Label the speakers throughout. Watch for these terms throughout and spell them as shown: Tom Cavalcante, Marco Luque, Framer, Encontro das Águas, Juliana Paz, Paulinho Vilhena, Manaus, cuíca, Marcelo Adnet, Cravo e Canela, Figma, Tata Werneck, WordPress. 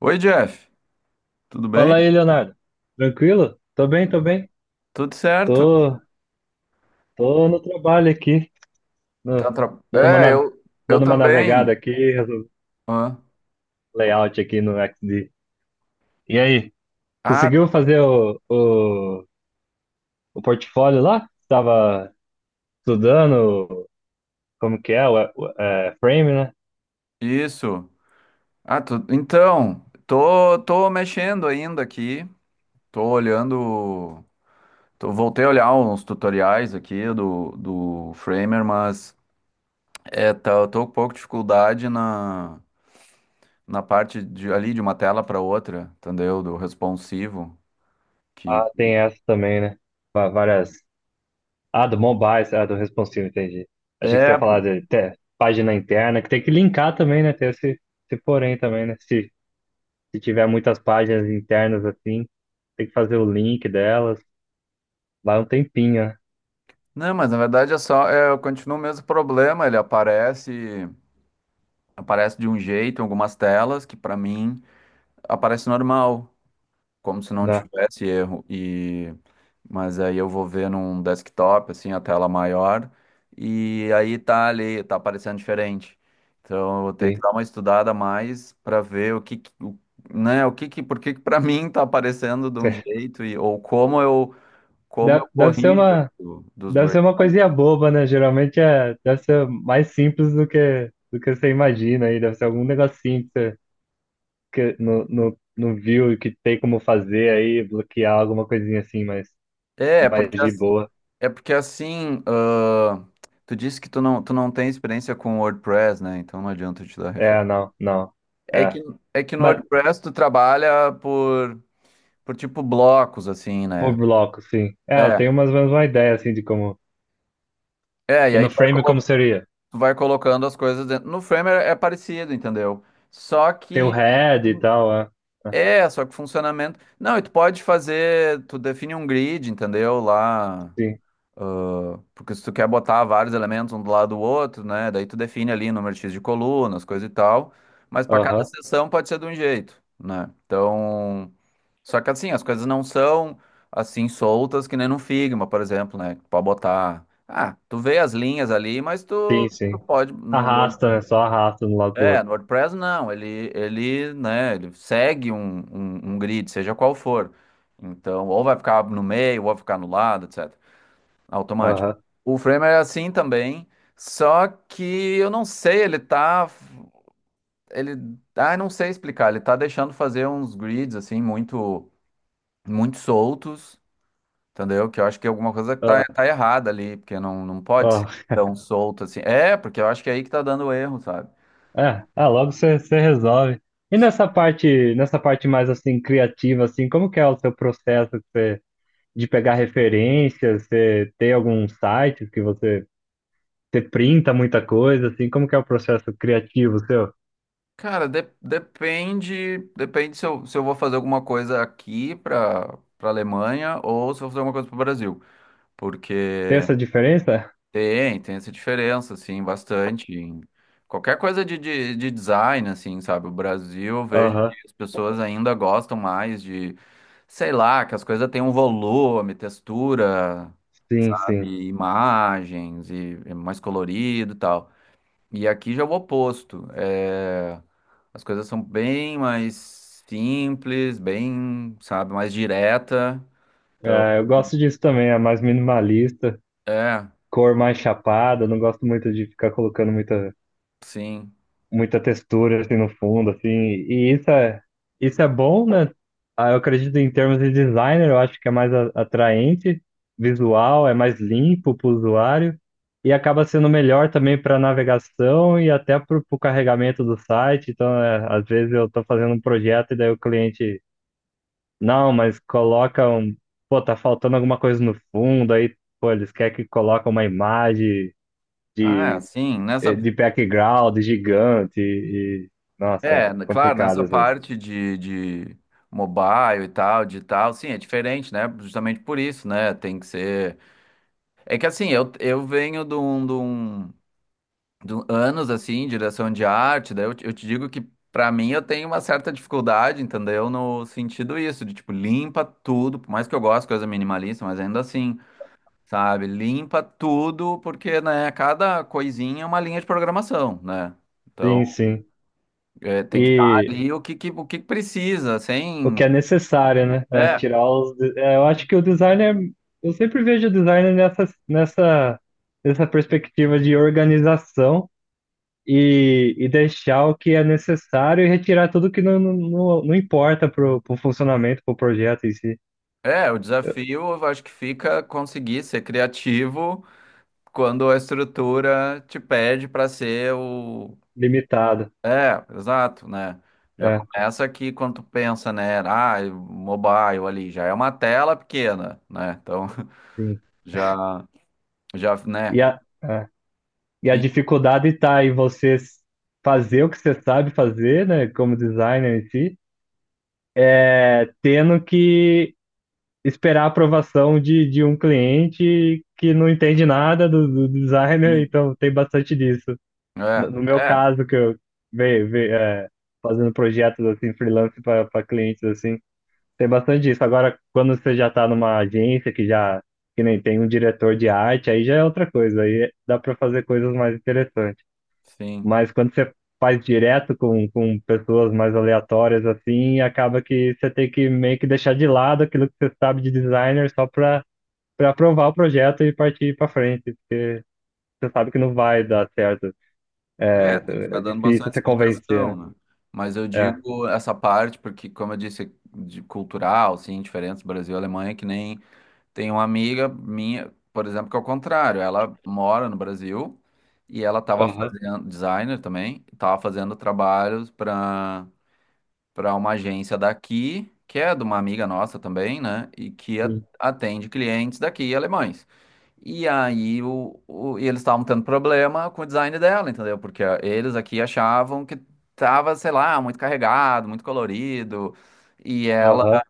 Speaker 1: Oi, Jeff. Tudo bem?
Speaker 2: Fala aí, Leonardo. Tranquilo? Tô bem.
Speaker 1: Tudo certo?
Speaker 2: Tô, tô no trabalho aqui, no-
Speaker 1: Tá tra-
Speaker 2: dando
Speaker 1: É, eu, eu
Speaker 2: dando uma
Speaker 1: também.
Speaker 2: navegada aqui,
Speaker 1: Hã?
Speaker 2: layout aqui no XD. E aí,
Speaker 1: Ah,
Speaker 2: conseguiu fazer o portfólio lá? Tava estudando como que é o frame, né?
Speaker 1: isso. Então, tô mexendo ainda aqui. Tô olhando. Tô, voltei a olhar uns tutoriais aqui do Framer, mas eu tô com um pouco de dificuldade na parte ali de uma tela para outra, entendeu? Do responsivo. Que
Speaker 2: Ah, tem essa também, né? Várias. Ah, do mobile, ah, do responsive, entendi. Achei que você
Speaker 1: É,
Speaker 2: ia falar de
Speaker 1: pô.
Speaker 2: até página interna, que tem que linkar também, né? Tem esse, esse porém também, né? Se tiver muitas páginas internas assim, tem que fazer o link delas. Lá um tempinho, né?
Speaker 1: Não, mas na verdade é só, eu continuo o mesmo problema, ele aparece. Aparece de um jeito em algumas telas que para mim aparece normal, como se não
Speaker 2: Dá,
Speaker 1: tivesse erro. Mas aí eu vou ver num desktop assim a tela maior e aí tá ali, tá aparecendo diferente. Então eu vou ter que
Speaker 2: sim.
Speaker 1: dar uma estudada a mais para ver o que, que- o, né, o que que por que que para mim tá aparecendo de um jeito e ou como eu
Speaker 2: Deve ser
Speaker 1: corrijo
Speaker 2: uma,
Speaker 1: isso dos
Speaker 2: deve ser uma
Speaker 1: breakpoints.
Speaker 2: coisinha boba, né? Geralmente é, deve ser mais simples do que você imagina aí. Deve ser algum negocinho que você que no viu e que tem como fazer aí, bloquear alguma coisinha assim, mas
Speaker 1: É,
Speaker 2: mais
Speaker 1: porque
Speaker 2: de boa.
Speaker 1: É porque assim, ah, tu disse que tu não tem experiência com WordPress, né? Então não adianta eu te dar
Speaker 2: É,
Speaker 1: referência.
Speaker 2: não, não.
Speaker 1: É
Speaker 2: É.
Speaker 1: que, é que no
Speaker 2: Mas
Speaker 1: WordPress tu trabalha por tipo blocos, assim, né?
Speaker 2: por bloco, sim. É, eu
Speaker 1: É,
Speaker 2: tenho mais ou menos uma ideia assim de como.
Speaker 1: e
Speaker 2: E
Speaker 1: aí
Speaker 2: no frame como seria?
Speaker 1: tu vai colocando as coisas dentro. No Framer é parecido, entendeu? Só
Speaker 2: Tem o
Speaker 1: que,
Speaker 2: head e tal, é. É,
Speaker 1: só que funcionamento. Não, e tu pode fazer, tu define um grid, entendeu? Lá.
Speaker 2: sim.
Speaker 1: Porque se tu quer botar vários elementos um do lado do outro, né? Daí tu define ali número X de colunas, coisa e tal. Mas para cada
Speaker 2: Aham.
Speaker 1: seção pode ser de um jeito, né? Então, só que assim, as coisas não são assim soltas que nem no Figma, por exemplo, né? Tu pode botar. Ah, tu vê as linhas ali, mas
Speaker 2: Sim,
Speaker 1: tu
Speaker 2: sim.
Speaker 1: pode no Word...
Speaker 2: Arrasta, né? Só arrasta de um lado pro
Speaker 1: É,
Speaker 2: outro.
Speaker 1: no WordPress não, ele segue um grid, seja qual for. Então, ou vai ficar no meio, ou vai ficar no lado, etc. Automático.
Speaker 2: Aham.
Speaker 1: O Framer é assim também, só que eu não sei, ele tá. Ele. Ah, eu não sei explicar. Ele tá deixando fazer uns grids, assim, muito, muito soltos, entendeu? Que eu acho que alguma coisa
Speaker 2: ah,
Speaker 1: tá errada ali, porque não pode
Speaker 2: ah.
Speaker 1: ser tão solto assim. É, porque eu acho que é aí que tá dando erro, sabe?
Speaker 2: É, é, logo você resolve. E nessa parte mais assim criativa assim, como que é o seu processo de pegar referências, você tem algum site que você printa muita coisa assim, como que é o processo criativo seu?
Speaker 1: Cara, depende, depende se eu vou fazer alguma coisa aqui para Alemanha ou se eu vou fazer alguma coisa para o Brasil,
Speaker 2: Tem
Speaker 1: porque
Speaker 2: essa diferença?
Speaker 1: tem, tem essa diferença, assim, bastante. Em qualquer coisa de design, assim, sabe? O Brasil, eu vejo que
Speaker 2: Aham.
Speaker 1: as pessoas ainda gostam mais de, sei lá, que as coisas têm um volume, textura,
Speaker 2: Sim, sim.
Speaker 1: sabe? Imagens e é mais colorido e tal. E aqui já é o oposto. É, as coisas são bem mais simples, bem, sabe, mais direta. Então,
Speaker 2: É, eu gosto disso também, é mais minimalista.
Speaker 1: é,
Speaker 2: Cor mais chapada, eu não gosto muito de ficar colocando
Speaker 1: sim.
Speaker 2: muita textura assim no fundo, assim. E isso é bom, né? Ah, eu acredito em termos de designer, eu acho que é mais atraente, visual, é mais limpo para o usuário e acaba sendo melhor também para navegação e até para o carregamento do site. Então, é, às vezes eu estou fazendo um projeto e daí o cliente, não, mas coloca um, pô, tá faltando alguma coisa no fundo, aí, pô, eles querem que coloque uma imagem
Speaker 1: Ah, é,
Speaker 2: de
Speaker 1: sim, nessa.
Speaker 2: de background gigante e nossa, é
Speaker 1: É, n- claro,
Speaker 2: complicado
Speaker 1: nessa
Speaker 2: às vezes.
Speaker 1: parte de mobile e tal, digital, sim, é diferente, né? Justamente por isso, né? Tem que ser. É que assim, eu venho de anos assim, em direção de arte, daí eu te digo que pra mim eu tenho uma certa dificuldade, entendeu? No sentido isso, de tipo, limpa tudo, por mais que eu goste de coisa minimalista, mas ainda assim, sabe? Limpa tudo, porque, né, cada coisinha é uma linha de programação, né? Então.
Speaker 2: Sim, sim.
Speaker 1: É, tem que estar
Speaker 2: E
Speaker 1: ali o que precisa,
Speaker 2: o
Speaker 1: sem.
Speaker 2: que é necessário, né? É
Speaker 1: É,
Speaker 2: tirar os. Eu acho que o designer. Eu sempre vejo o designer nessa perspectiva de organização e deixar o que é necessário e retirar tudo que não importa pro, pro funcionamento, pro projeto em si.
Speaker 1: o desafio eu acho que fica conseguir ser criativo quando a estrutura te pede para ser o.
Speaker 2: Limitado.
Speaker 1: É, exato, né? Já
Speaker 2: É,
Speaker 1: começa aqui quando tu pensa, né? Ah, mobile ali, já é uma tela pequena, né? Então,
Speaker 2: sim.
Speaker 1: já, já, né?
Speaker 2: E a, é. E a
Speaker 1: E-
Speaker 2: dificuldade está em você fazer o que você sabe fazer, né, como designer em si, é, tendo que esperar a aprovação de um cliente que não entende nada do, do designer,
Speaker 1: e-
Speaker 2: então tem bastante disso. No, no meu
Speaker 1: é, é,
Speaker 2: caso, que eu ve, ve- é, fazendo projetos assim, freelance para clientes assim, tem bastante disso. Agora, quando você já está numa agência que já que nem tem um diretor de arte, aí já é outra coisa, aí dá para fazer coisas mais interessantes.
Speaker 1: sim.
Speaker 2: Mas quando você faz direto com pessoas mais aleatórias assim, acaba que você tem que meio que deixar de lado aquilo que você sabe de designer só para para aprovar o projeto e partir para frente. Você sabe que não vai dar certo.
Speaker 1: É, tem que ficar
Speaker 2: É
Speaker 1: dando
Speaker 2: difícil
Speaker 1: bastante
Speaker 2: você convencer, né?
Speaker 1: explicação, né? Mas eu
Speaker 2: É.
Speaker 1: digo essa parte porque, como eu disse, de cultural, assim, diferença Brasil e Alemanha, que nem tem uma amiga minha, por exemplo, que é o contrário, ela mora no Brasil e ela estava
Speaker 2: Aham.
Speaker 1: fazendo, designer também, estava fazendo trabalhos para uma agência daqui, que é de uma amiga nossa também, né? E que
Speaker 2: Sim.
Speaker 1: atende clientes daqui, alemães. E aí e eles estavam tendo problema com o design dela, entendeu? Porque ah, eles aqui achavam que tava, sei lá, muito carregado, muito colorido, e ela
Speaker 2: Aham.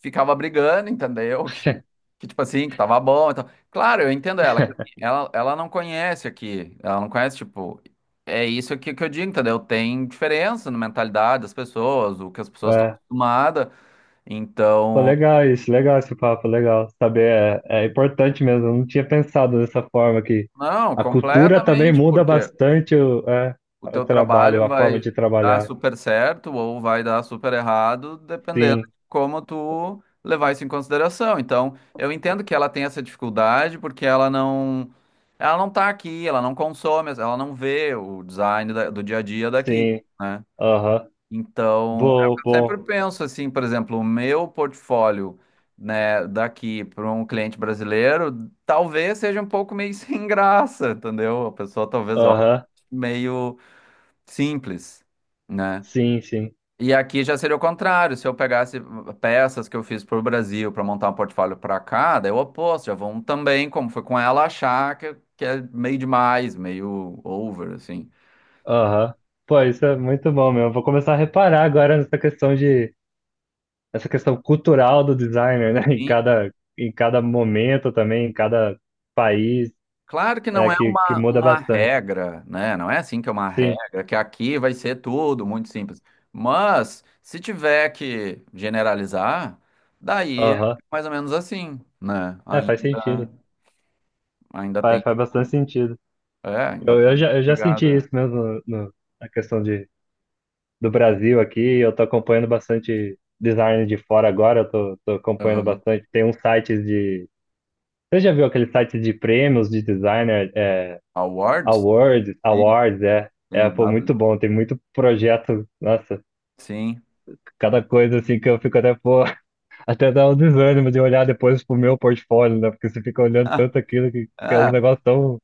Speaker 1: ficava brigando, entendeu? Que tipo assim, que tava bom. Então, claro, eu entendo ela, que assim, ela não conhece aqui, ela não conhece, tipo, é isso aqui que eu digo, entendeu? Tem diferença na mentalidade das pessoas, o que as pessoas estão
Speaker 2: É,
Speaker 1: acostumadas,
Speaker 2: pô,
Speaker 1: então,
Speaker 2: legal isso, legal esse papo, legal. Saber é, é importante mesmo. Eu não tinha pensado dessa forma que
Speaker 1: não,
Speaker 2: a cultura também
Speaker 1: completamente,
Speaker 2: muda
Speaker 1: porque
Speaker 2: bastante o, é,
Speaker 1: o
Speaker 2: o
Speaker 1: teu
Speaker 2: trabalho,
Speaker 1: trabalho
Speaker 2: a forma
Speaker 1: vai
Speaker 2: de
Speaker 1: dar. Olha,
Speaker 2: trabalhar.
Speaker 1: super certo ou vai dar super errado, dependendo de
Speaker 2: Sim.
Speaker 1: como tu levar isso em consideração. Então, eu entendo que ela tem essa dificuldade porque ela não tá aqui, ela não consome, ela não vê o design do dia a dia daqui,
Speaker 2: Sim,
Speaker 1: né?
Speaker 2: aham.
Speaker 1: Então, é o
Speaker 2: Bom,
Speaker 1: que eu sempre
Speaker 2: bom,
Speaker 1: penso assim, por exemplo, o meu portfólio, né, daqui para um cliente brasileiro, talvez seja um pouco meio sem graça, entendeu? A pessoa talvez olhe
Speaker 2: aham.
Speaker 1: meio simples, né?
Speaker 2: Sim, sim,
Speaker 1: E aqui já seria o contrário, se eu pegasse peças que eu fiz para o Brasil para montar um portfólio para cá, daí é o oposto, já vão também, como foi com ela, achar que é meio demais, meio over, assim.
Speaker 2: aham. Pô, isso é muito bom mesmo. Vou começar a reparar agora nessa questão de, essa questão cultural do designer, né?
Speaker 1: Sim.
Speaker 2: Em cada momento também, em cada país,
Speaker 1: Claro que não
Speaker 2: é
Speaker 1: é
Speaker 2: que muda
Speaker 1: uma
Speaker 2: bastante.
Speaker 1: regra, né? Não é assim que é uma
Speaker 2: Sim,
Speaker 1: regra, que aqui vai ser tudo muito simples. Mas, se tiver que generalizar, daí é
Speaker 2: aham.
Speaker 1: mais ou menos assim, né?
Speaker 2: É,
Speaker 1: Ainda,
Speaker 2: faz sentido.
Speaker 1: ainda
Speaker 2: Faz,
Speaker 1: tem,
Speaker 2: faz bastante sentido.
Speaker 1: é, ainda
Speaker 2: Eu, eu
Speaker 1: tem
Speaker 2: já, eu já senti
Speaker 1: pegada.
Speaker 2: isso mesmo no, na questão de do Brasil aqui, eu tô acompanhando bastante design de fora agora, eu tô, tô acompanhando
Speaker 1: Aham.
Speaker 2: bastante. Tem uns sites de. Você já viu aquele site de prêmios de designer, é,
Speaker 1: Awards?
Speaker 2: awards,
Speaker 1: Sim,
Speaker 2: awards, é, é,
Speaker 1: tem
Speaker 2: pô,
Speaker 1: W.
Speaker 2: muito bom, tem muito projeto, nossa,
Speaker 1: Sim.
Speaker 2: cada coisa assim que eu fico até, pô, até dá um desânimo de olhar depois pro meu portfólio, né, porque você fica olhando
Speaker 1: Ah,
Speaker 2: tanto aquilo que é um
Speaker 1: ah,
Speaker 2: negócio tão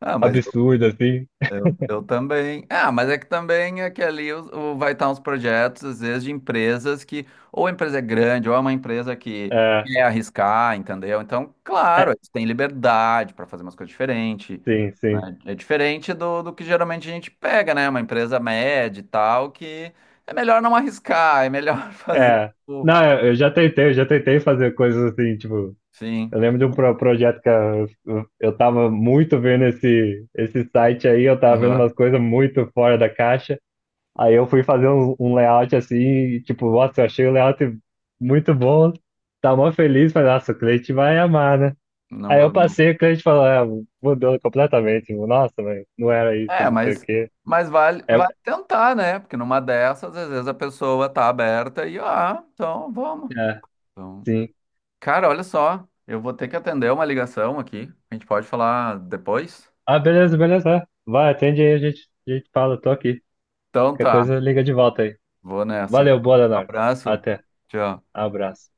Speaker 1: ah, mas
Speaker 2: absurdo, assim,
Speaker 1: eu também. Ah, mas é que também é que ali vai estar uns projetos, às vezes, de empresas que, ou a empresa é grande, ou é uma empresa que
Speaker 2: é,
Speaker 1: quer arriscar, entendeu? Então, claro,
Speaker 2: é,
Speaker 1: eles têm liberdade para fazer umas coisas diferentes,
Speaker 2: sim, sim,
Speaker 1: né? É diferente do que geralmente a gente pega, né? Uma empresa média e tal, que é melhor não arriscar, é melhor fazer
Speaker 2: é,
Speaker 1: o.
Speaker 2: não, eu já tentei, eu já tentei fazer coisas assim, tipo,
Speaker 1: Sim.
Speaker 2: eu lembro de um projeto que eu, eu tava muito vendo esse, esse site aí, eu tava vendo
Speaker 1: Aham.
Speaker 2: umas coisas muito fora da caixa. Aí eu fui fazer um, um layout assim, e, tipo, nossa, eu achei o layout muito bom, tava mó feliz, falei, nossa, o cliente vai amar, né?
Speaker 1: Não,
Speaker 2: Aí eu
Speaker 1: go-
Speaker 2: passei, o cliente falou, é, mudou completamente, nossa, mas não era isso,
Speaker 1: É,
Speaker 2: não sei o quê.
Speaker 1: mas vale,
Speaker 2: É,
Speaker 1: vale tentar, né? Porque numa dessas, às vezes a pessoa tá aberta e, ah, então vamos.
Speaker 2: é,
Speaker 1: Então,
Speaker 2: sim.
Speaker 1: cara, olha só, eu vou ter que atender uma ligação aqui. A gente pode falar depois?
Speaker 2: Ah, beleza, beleza, é. Vai, atende aí, a gente fala, tô aqui.
Speaker 1: Então
Speaker 2: Qualquer
Speaker 1: tá,
Speaker 2: coisa, liga de volta aí.
Speaker 1: vou nessa.
Speaker 2: Valeu, boa,
Speaker 1: Um
Speaker 2: Leonardo.
Speaker 1: abraço.
Speaker 2: Até,
Speaker 1: Tchau.
Speaker 2: abraço.